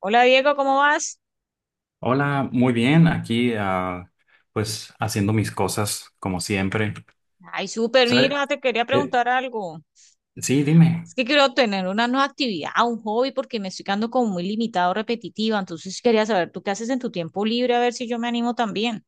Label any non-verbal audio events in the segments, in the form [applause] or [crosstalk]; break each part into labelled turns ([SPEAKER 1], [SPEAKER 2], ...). [SPEAKER 1] Hola Diego, ¿cómo vas?
[SPEAKER 2] Hola, muy bien, aquí pues haciendo mis cosas como siempre.
[SPEAKER 1] Ay, súper,
[SPEAKER 2] ¿Sabes?
[SPEAKER 1] mira, te quería preguntar algo.
[SPEAKER 2] Sí, dime.
[SPEAKER 1] Es que quiero tener una nueva actividad, un hobby, porque me estoy quedando como muy limitado, repetitiva. Entonces quería saber, ¿tú qué haces en tu tiempo libre? A ver si yo me animo también.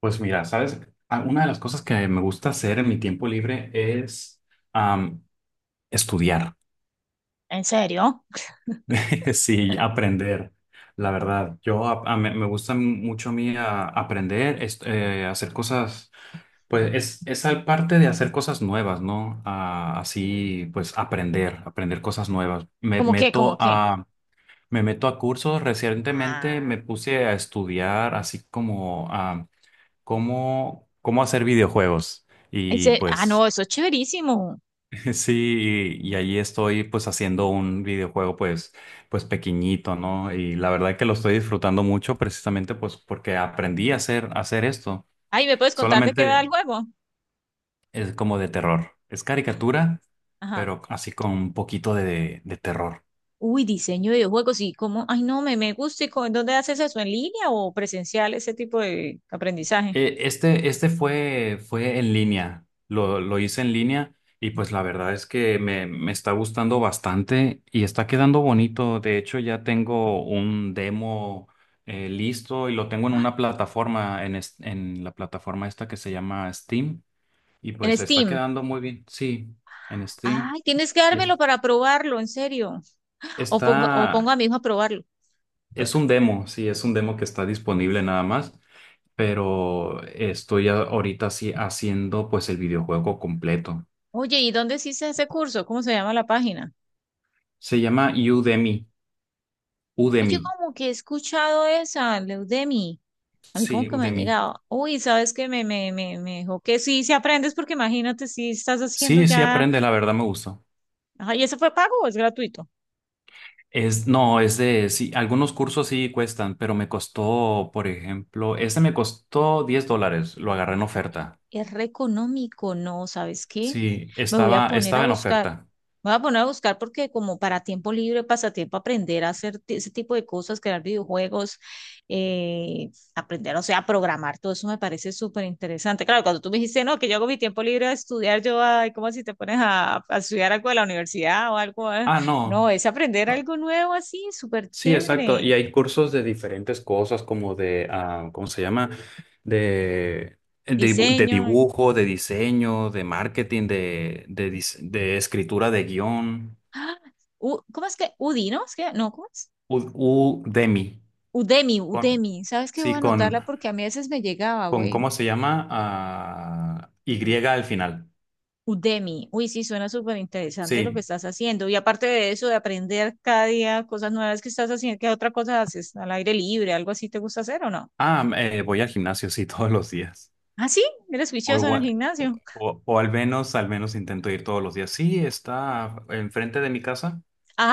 [SPEAKER 2] Pues mira, ¿sabes? Una de las cosas que me gusta hacer en mi tiempo libre es am, estudiar,
[SPEAKER 1] ¿En serio?
[SPEAKER 2] [laughs] sí, aprender, la verdad. Yo ap- a- me gusta mucho a mí aprender, hacer cosas, es al parte de hacer cosas nuevas, ¿no? Así, pues aprender cosas nuevas.
[SPEAKER 1] ¿Cómo qué? ¿Cómo qué?
[SPEAKER 2] Me meto a cursos. Recientemente
[SPEAKER 1] Ah,
[SPEAKER 2] me puse a estudiar así como cómo hacer videojuegos. Y
[SPEAKER 1] no,
[SPEAKER 2] pues
[SPEAKER 1] eso es chéverísimo.
[SPEAKER 2] [laughs] sí, y ahí estoy pues haciendo un videojuego, pues pequeñito, ¿no? Y la verdad que lo estoy disfrutando mucho precisamente pues porque aprendí a a hacer esto.
[SPEAKER 1] Ay, ¿me puedes contar de qué va el
[SPEAKER 2] Solamente
[SPEAKER 1] juego?
[SPEAKER 2] es como de terror. Es caricatura,
[SPEAKER 1] Ajá.
[SPEAKER 2] pero así con un poquito de terror.
[SPEAKER 1] Uy, diseño de videojuegos, ¿y cómo? Ay, no, me gusta. ¿Y cómo- en dónde haces eso? ¿En línea o presencial ese tipo de aprendizaje?
[SPEAKER 2] Este fue en línea, lo hice en línea y pues la verdad es que me está gustando bastante y está quedando bonito. De hecho, ya tengo un demo listo y lo tengo en una plataforma, en la plataforma esta que se llama Steam y
[SPEAKER 1] En
[SPEAKER 2] pues está
[SPEAKER 1] Steam.
[SPEAKER 2] quedando muy bien. Sí, en Steam.
[SPEAKER 1] Ay, tienes que
[SPEAKER 2] Y
[SPEAKER 1] dármelo
[SPEAKER 2] es-
[SPEAKER 1] para probarlo, en serio. O pongo
[SPEAKER 2] Está,
[SPEAKER 1] a mi hijo a probarlo.
[SPEAKER 2] es un demo, sí, es un demo que está disponible nada más, pero estoy ahorita sí haciendo pues el videojuego completo.
[SPEAKER 1] Oye, ¿y dónde hiciste ese curso? ¿Cómo se llama la página?
[SPEAKER 2] Se llama Udemy,
[SPEAKER 1] Ay, yo
[SPEAKER 2] Udemy.
[SPEAKER 1] como que he escuchado esa, Leudemi. A mí como
[SPEAKER 2] Sí,
[SPEAKER 1] que me ha
[SPEAKER 2] Udemy.
[SPEAKER 1] llegado. Uy, ¿sabes qué? Me dijo que sí, si aprendes, porque imagínate si estás haciendo
[SPEAKER 2] Sí, sí
[SPEAKER 1] ya.
[SPEAKER 2] aprende, la verdad me gustó.
[SPEAKER 1] Ay, ¿eso fue pago o es gratuito?
[SPEAKER 2] Es, no, es de, Sí, algunos cursos sí cuestan, pero me costó, por ejemplo, este me costó 10 dólares, lo agarré en oferta.
[SPEAKER 1] Es re económico, ¿no? ¿Sabes qué?
[SPEAKER 2] Sí,
[SPEAKER 1] Me voy a poner a
[SPEAKER 2] estaba en
[SPEAKER 1] buscar.
[SPEAKER 2] oferta.
[SPEAKER 1] Voy a poner a buscar porque como para tiempo libre, pasatiempo, aprender a hacer ese tipo de cosas, crear videojuegos, eh, aprender, o sea, a programar, todo eso me parece súper interesante. Claro, cuando tú me dijiste, no, que yo hago mi tiempo libre a estudiar, yo, ay, ¿cómo si te pones a estudiar algo de la universidad o algo, eh?
[SPEAKER 2] Ah,
[SPEAKER 1] No,
[SPEAKER 2] no.
[SPEAKER 1] es aprender
[SPEAKER 2] No,
[SPEAKER 1] algo nuevo así, súper
[SPEAKER 2] sí, exacto.
[SPEAKER 1] chévere.
[SPEAKER 2] Y hay cursos de diferentes cosas, como de ¿cómo se llama? De, de
[SPEAKER 1] Diseño.
[SPEAKER 2] dibujo, de diseño, de marketing, de escritura de guión.
[SPEAKER 1] ¡Ah! ¿Cómo es que? Udino, ¿no? ¿Es que? No, ¿cómo es?
[SPEAKER 2] U- Udemy.
[SPEAKER 1] Udemy,
[SPEAKER 2] Con-
[SPEAKER 1] Udemy. ¿Sabes qué? Voy a
[SPEAKER 2] sí, con,
[SPEAKER 1] anotarla porque a mí a veces me llegaba, güey.
[SPEAKER 2] ¿Cómo se llama? Y al final.
[SPEAKER 1] Udemy. Uy, sí, suena súper interesante lo que
[SPEAKER 2] Sí.
[SPEAKER 1] estás haciendo. Y aparte de eso, de aprender cada día cosas nuevas que estás haciendo, ¿qué otra cosa haces? ¿Al aire libre? ¿Algo así te gusta hacer o no?
[SPEAKER 2] Voy al gimnasio, sí, [laughs] todos los días.
[SPEAKER 1] Ah, sí, eres
[SPEAKER 2] O,
[SPEAKER 1] juicioso en el
[SPEAKER 2] igua-
[SPEAKER 1] gimnasio. [laughs]
[SPEAKER 2] o- O al menos intento ir todos los días. Sí, está enfrente de mi casa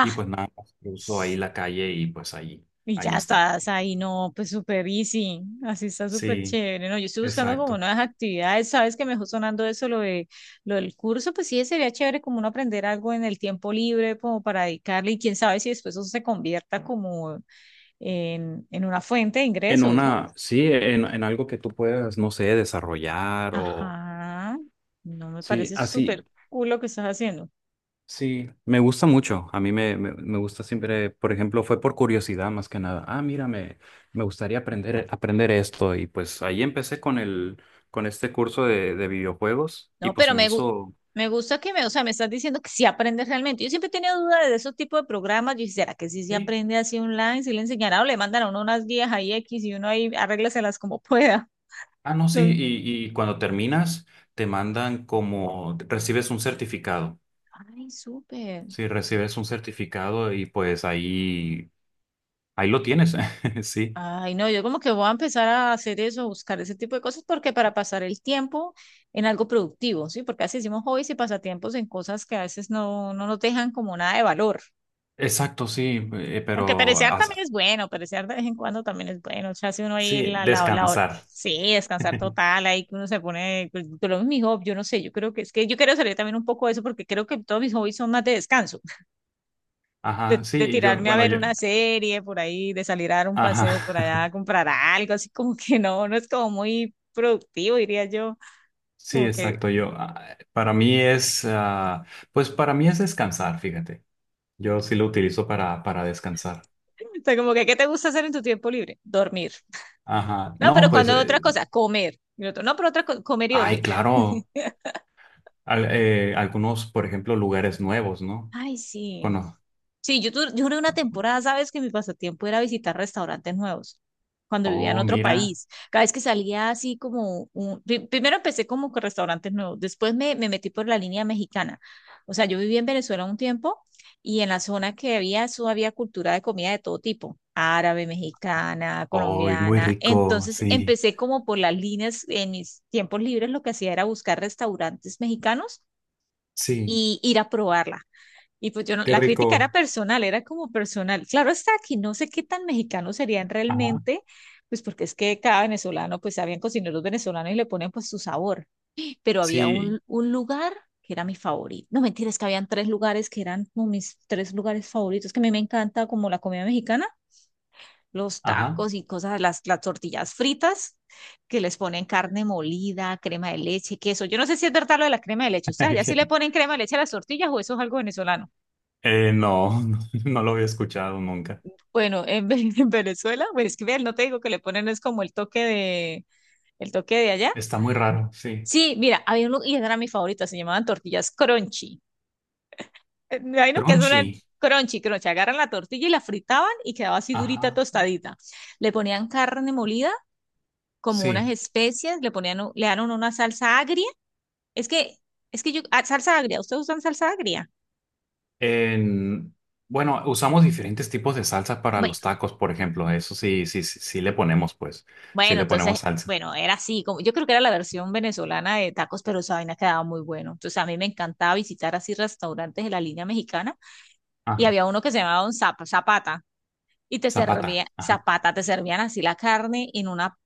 [SPEAKER 2] y pues nada, más cruzo ahí la calle y pues ahí,
[SPEAKER 1] y
[SPEAKER 2] ahí
[SPEAKER 1] ya
[SPEAKER 2] está.
[SPEAKER 1] estás ahí, no, pues súper easy. Así está súper
[SPEAKER 2] Sí,
[SPEAKER 1] chévere. No, yo estoy buscando como
[SPEAKER 2] exacto.
[SPEAKER 1] nuevas actividades. Sabes que me dejó sonando lo del curso, pues sí, sería chévere como uno aprender algo en el tiempo libre, como para dedicarle, y quién sabe si después eso se convierta como en una fuente de
[SPEAKER 2] En
[SPEAKER 1] ingresos, ¿no?
[SPEAKER 2] una, sí, en algo que tú puedas, no sé, desarrollar o…
[SPEAKER 1] Ajá, no me
[SPEAKER 2] Sí,
[SPEAKER 1] parece
[SPEAKER 2] así.
[SPEAKER 1] súper cool lo que estás haciendo.
[SPEAKER 2] Sí, me gusta mucho. A mí me, me, Me gusta siempre, por ejemplo, fue por curiosidad más que nada. Me gustaría aprender esto. Y pues ahí empecé con este curso de videojuegos y
[SPEAKER 1] No,
[SPEAKER 2] pues
[SPEAKER 1] pero
[SPEAKER 2] se me hizo…
[SPEAKER 1] me gusta que me, o sea, me estás diciendo que sí aprendes realmente. Yo siempre he tenido dudas de esos tipos de programas. Yo dije, ¿será que sí se
[SPEAKER 2] Sí.
[SPEAKER 1] aprende así online? ¿Si le enseñará o le mandan a uno unas guías ahí X y uno ahí arréglaselas como pueda? [laughs]
[SPEAKER 2] No, sí.
[SPEAKER 1] No.
[SPEAKER 2] Y cuando terminas, te mandan como, recibes un certificado.
[SPEAKER 1] Ay, súper.
[SPEAKER 2] Sí, recibes un certificado y pues ahí, ahí lo tienes. [laughs] Sí.
[SPEAKER 1] Ay, no, yo como que voy a empezar a hacer eso, buscar ese tipo de cosas, porque para pasar el tiempo en algo productivo, ¿sí? Porque así hicimos hobbies y pasatiempos en cosas que a veces no nos dejan como nada de valor.
[SPEAKER 2] Exacto, sí.
[SPEAKER 1] Aunque perecear también es bueno, perecear de vez en cuando también es bueno. O sea, si uno ahí
[SPEAKER 2] Sí,
[SPEAKER 1] la,
[SPEAKER 2] descansar.
[SPEAKER 1] sí, descansar
[SPEAKER 2] [laughs]
[SPEAKER 1] total, ahí que uno se pone, pues, por lo menos mi hobby, yo no sé, yo creo que es que yo quiero salir también un poco de eso porque creo que todos mis hobbies son más de descanso, [laughs]
[SPEAKER 2] Ajá,
[SPEAKER 1] de tirarme a
[SPEAKER 2] bueno,
[SPEAKER 1] ver una serie por ahí, de salir a dar un
[SPEAKER 2] ajá,
[SPEAKER 1] paseo por allá, a comprar algo, así como que no, no es como muy productivo, diría yo,
[SPEAKER 2] [laughs] sí,
[SPEAKER 1] como que,
[SPEAKER 2] exacto, para mí es, pues para mí es descansar, fíjate, yo sí lo utilizo para descansar,
[SPEAKER 1] o sea, como que, ¿qué te gusta hacer en tu tiempo libre? Dormir.
[SPEAKER 2] ajá,
[SPEAKER 1] No, pero
[SPEAKER 2] no, pues,
[SPEAKER 1] cuando otra cosa, comer. Y otro, no, pero otra cosa, comer y
[SPEAKER 2] ay,
[SPEAKER 1] dormir.
[SPEAKER 2] claro,
[SPEAKER 1] [laughs]
[SPEAKER 2] algunos, por ejemplo, lugares nuevos, ¿no?
[SPEAKER 1] Ay, sí.
[SPEAKER 2] Cono-
[SPEAKER 1] Sí, yo duré una temporada, ¿sabes? Que mi pasatiempo era visitar restaurantes nuevos cuando vivía en
[SPEAKER 2] oh,
[SPEAKER 1] otro
[SPEAKER 2] mira,
[SPEAKER 1] país. Cada vez que salía así como un... Primero empecé como con restaurantes nuevos, después me metí por la línea mexicana. O sea, yo viví en Venezuela un tiempo y en la zona que había, eso había cultura de comida de todo tipo, árabe, mexicana,
[SPEAKER 2] ay, muy
[SPEAKER 1] colombiana.
[SPEAKER 2] rico,
[SPEAKER 1] Entonces
[SPEAKER 2] sí,
[SPEAKER 1] empecé como por las líneas, en mis tiempos libres lo que hacía era buscar restaurantes mexicanos
[SPEAKER 2] sí,
[SPEAKER 1] y ir a probarla, y pues yo no,
[SPEAKER 2] qué
[SPEAKER 1] la crítica era
[SPEAKER 2] rico,
[SPEAKER 1] personal, era como personal. Claro está aquí, no sé qué tan mexicanos serían
[SPEAKER 2] ajá,
[SPEAKER 1] realmente, pues porque es que cada venezolano, pues habían cocineros venezolanos y le ponen pues su sabor. Pero había
[SPEAKER 2] sí,
[SPEAKER 1] un lugar que era mi favorito. No mentira, es que habían tres lugares que eran como mis tres lugares favoritos, que a mí me encanta como la comida mexicana, los
[SPEAKER 2] ajá,
[SPEAKER 1] tacos y cosas, las tortillas fritas, que les ponen carne molida, crema de leche, queso. Yo no sé si es verdad lo de la crema de leche, o sea, ya sí le
[SPEAKER 2] [laughs]
[SPEAKER 1] ponen crema de leche a las tortillas o eso es algo venezolano.
[SPEAKER 2] No, [laughs] no lo había escuchado nunca,
[SPEAKER 1] Bueno, [laughs] en Venezuela, pues es que ver, no te digo que le ponen es como el toque de allá.
[SPEAKER 2] está muy raro, sí.
[SPEAKER 1] Sí, mira, había uno, y esa era mi favorita, se llamaban tortillas crunchy. Me imagino que es una
[SPEAKER 2] Crunchy.
[SPEAKER 1] crunchy, crunchy. Agarran la tortilla y la fritaban y quedaba así durita,
[SPEAKER 2] Ajá,
[SPEAKER 1] tostadita. Le ponían carne molida, como unas
[SPEAKER 2] sí.
[SPEAKER 1] especias, le ponían, le dan una salsa agria. Es que, es que yo, salsa agria, ¿ustedes usan salsa agria?
[SPEAKER 2] En, bueno, usamos diferentes tipos de salsas para
[SPEAKER 1] Bueno,
[SPEAKER 2] los tacos, por ejemplo. Eso sí, sí le ponemos, pues, sí
[SPEAKER 1] Bueno,
[SPEAKER 2] le
[SPEAKER 1] entonces,
[SPEAKER 2] ponemos salsa.
[SPEAKER 1] bueno, era así, como, yo creo que era la versión venezolana de tacos, pero esa vaina quedaba muy bueno. Entonces, a mí me encantaba visitar así restaurantes de la línea mexicana y
[SPEAKER 2] Ajá,
[SPEAKER 1] había uno que se llamaba un Zapata y te
[SPEAKER 2] zapata.
[SPEAKER 1] servía,
[SPEAKER 2] Ajá.
[SPEAKER 1] Zapata, te servían así la carne en una,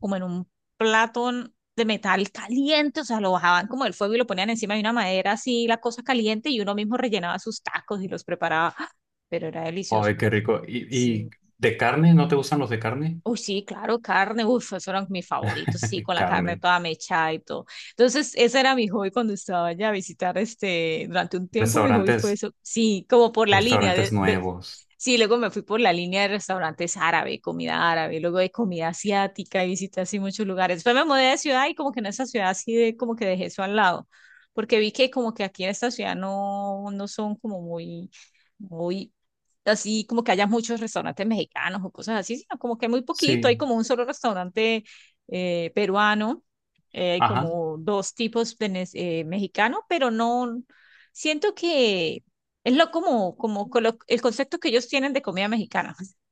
[SPEAKER 1] como en un plato de metal caliente, o sea, lo bajaban como del fuego y lo ponían encima de una madera así, la cosa caliente y uno mismo rellenaba sus tacos y los preparaba, ¡ah, pero era delicioso!
[SPEAKER 2] Ay, qué rico. ¿Y
[SPEAKER 1] Sí,
[SPEAKER 2] de carne? ¿No te gustan los de carne?
[SPEAKER 1] uy, sí, claro, carne, uf, eso eran mis favoritos, sí,
[SPEAKER 2] [laughs]
[SPEAKER 1] con la carne
[SPEAKER 2] Carne.
[SPEAKER 1] toda mechada y todo. Entonces, ese era mi hobby cuando estaba allá a visitar, este, durante un tiempo mi hobby fue
[SPEAKER 2] Restaurantes,
[SPEAKER 1] eso, sí, como por la línea
[SPEAKER 2] restaurantes nuevos.
[SPEAKER 1] sí, luego me fui por la línea de restaurantes árabe, comida árabe, luego de comida asiática y visité así muchos lugares. Después me mudé de ciudad y como que en esa ciudad así de, como que dejé eso al lado, porque vi que como que aquí en esta ciudad no, no son como muy... Muy, así como que haya muchos restaurantes mexicanos o cosas así, sino como que muy poquito, hay
[SPEAKER 2] Sí.
[SPEAKER 1] como un solo restaurante peruano, hay
[SPEAKER 2] Ajá.
[SPEAKER 1] como dos tipos mexicanos, pero no, siento que es lo como, como el concepto que ellos tienen de comida mexicana. [laughs]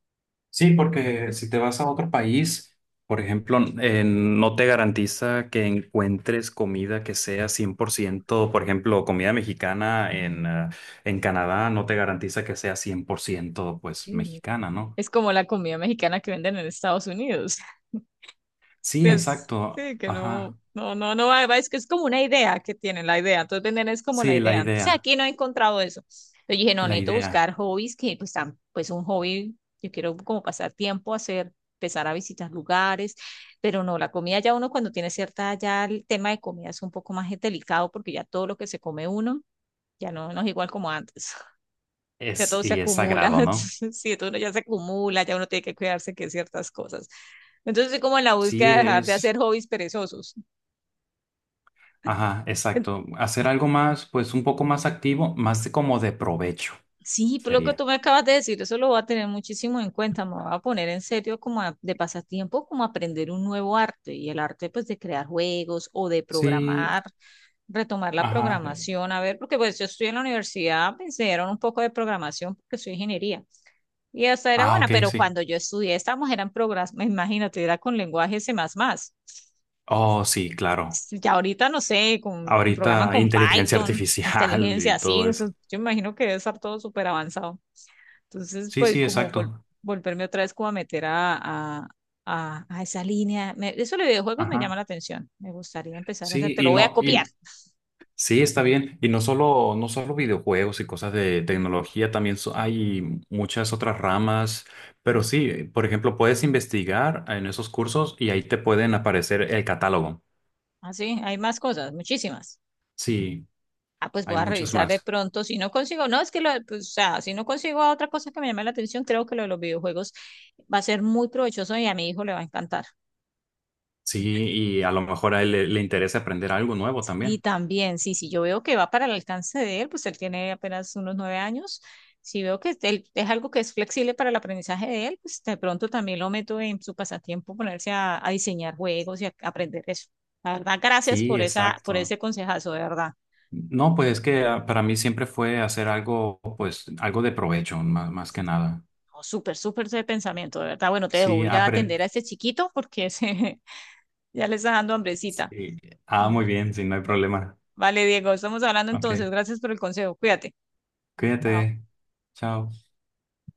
[SPEAKER 2] Sí, porque si te vas a otro país, por ejemplo, no te garantiza que encuentres comida que sea 100%, por ejemplo, comida mexicana en Canadá no te garantiza que sea 100% pues
[SPEAKER 1] Sí.
[SPEAKER 2] mexicana, ¿no?
[SPEAKER 1] Es como la comida mexicana que venden en Estados Unidos.
[SPEAKER 2] Sí,
[SPEAKER 1] Es,
[SPEAKER 2] exacto.
[SPEAKER 1] sí, que
[SPEAKER 2] Ajá.
[SPEAKER 1] no, va, va, es que es como una idea que tienen, la idea, entonces venden es como la
[SPEAKER 2] Sí,
[SPEAKER 1] idea. Entonces aquí no he encontrado eso. Yo dije, no,
[SPEAKER 2] la
[SPEAKER 1] necesito
[SPEAKER 2] idea
[SPEAKER 1] buscar hobbies que pues, tan, pues un hobby, yo quiero como pasar tiempo, hacer, empezar a visitar lugares, pero no, la comida ya uno cuando tiene cierta, ya el tema de comida es un poco más delicado porque ya todo lo que se come uno ya no, no es igual como antes, ya
[SPEAKER 2] es
[SPEAKER 1] todo se
[SPEAKER 2] y es
[SPEAKER 1] acumula,
[SPEAKER 2] sagrado, ¿no?
[SPEAKER 1] [laughs] entonces sí, todo ya se acumula, ya uno tiene que cuidarse que ciertas cosas. Entonces estoy como en la
[SPEAKER 2] Sí,
[SPEAKER 1] búsqueda de dejar de hacer
[SPEAKER 2] es,
[SPEAKER 1] hobbies perezosos.
[SPEAKER 2] ajá,
[SPEAKER 1] En-
[SPEAKER 2] exacto. Hacer algo más, pues un poco más activo, más de como de provecho
[SPEAKER 1] Sí, por lo que
[SPEAKER 2] sería.
[SPEAKER 1] tú me acabas de decir, eso lo voy a tener muchísimo en cuenta, me voy a poner en serio como de pasatiempo, como aprender un nuevo arte y el arte pues de crear juegos o de
[SPEAKER 2] Sí,
[SPEAKER 1] programar, retomar la
[SPEAKER 2] ajá.
[SPEAKER 1] programación, a ver, porque pues yo estoy en la universidad, me enseñaron un poco de programación porque soy ingeniería. Y esa era
[SPEAKER 2] Ah,
[SPEAKER 1] buena,
[SPEAKER 2] ok,
[SPEAKER 1] pero
[SPEAKER 2] sí.
[SPEAKER 1] cuando yo estudié, estábamos, eran programas, imagínate, era con lenguaje C++.
[SPEAKER 2] Oh, sí, claro.
[SPEAKER 1] Ya ahorita no sé, con programas
[SPEAKER 2] Ahorita
[SPEAKER 1] con
[SPEAKER 2] inteligencia [laughs]
[SPEAKER 1] Python,
[SPEAKER 2] artificial
[SPEAKER 1] inteligencia,
[SPEAKER 2] y
[SPEAKER 1] así,
[SPEAKER 2] todo
[SPEAKER 1] eso,
[SPEAKER 2] eso.
[SPEAKER 1] yo imagino que debe estar todo súper avanzado. Entonces,
[SPEAKER 2] Sí,
[SPEAKER 1] pues
[SPEAKER 2] sí,
[SPEAKER 1] como
[SPEAKER 2] exacto.
[SPEAKER 1] volverme otra vez como a meter a esa línea. Eso de videojuegos me llama
[SPEAKER 2] Ajá.
[SPEAKER 1] la atención, me gustaría empezar a hacer,
[SPEAKER 2] Sí,
[SPEAKER 1] te lo
[SPEAKER 2] y
[SPEAKER 1] voy a
[SPEAKER 2] no,
[SPEAKER 1] copiar.
[SPEAKER 2] Y sí, está bien. No solo videojuegos y cosas de tecnología, también hay muchas otras ramas. Pero sí, por ejemplo, puedes investigar en esos cursos y ahí te pueden aparecer el catálogo.
[SPEAKER 1] Así, hay más cosas, muchísimas.
[SPEAKER 2] Sí,
[SPEAKER 1] Ah, pues voy
[SPEAKER 2] hay
[SPEAKER 1] a
[SPEAKER 2] muchos
[SPEAKER 1] revisar de
[SPEAKER 2] más.
[SPEAKER 1] pronto. Si no consigo, no, es que lo, pues, o sea, si no consigo otra cosa que me llame la atención, creo que lo de los videojuegos va a ser muy provechoso y a mi hijo le va a encantar.
[SPEAKER 2] Sí, y a lo mejor a él le interesa aprender algo nuevo
[SPEAKER 1] Y
[SPEAKER 2] también.
[SPEAKER 1] también, sí, sí, yo veo que va para el alcance de él, pues él tiene apenas unos 9 años. Si veo que él, es algo que es flexible para el aprendizaje de él, pues de pronto también lo meto en su pasatiempo, ponerse a diseñar juegos y a aprender eso. La verdad, gracias
[SPEAKER 2] Sí,
[SPEAKER 1] por esa, por
[SPEAKER 2] exacto.
[SPEAKER 1] ese consejazo, de verdad.
[SPEAKER 2] No, pues es que para mí siempre fue hacer algo, pues algo de provecho, más, más que nada.
[SPEAKER 1] No, súper, súper ese pensamiento, de verdad. Bueno, te dejo,
[SPEAKER 2] Sí,
[SPEAKER 1] voy a ir a
[SPEAKER 2] aprende.
[SPEAKER 1] atender a este chiquito porque [laughs] se ya le está dando hambrecita.
[SPEAKER 2] Ah,
[SPEAKER 1] Mm,
[SPEAKER 2] muy bien, sí, no hay problema.
[SPEAKER 1] vale, Diego, estamos hablando
[SPEAKER 2] Ok,
[SPEAKER 1] entonces. Gracias por el consejo. Cuídate. Chao.
[SPEAKER 2] cuídate. Chao.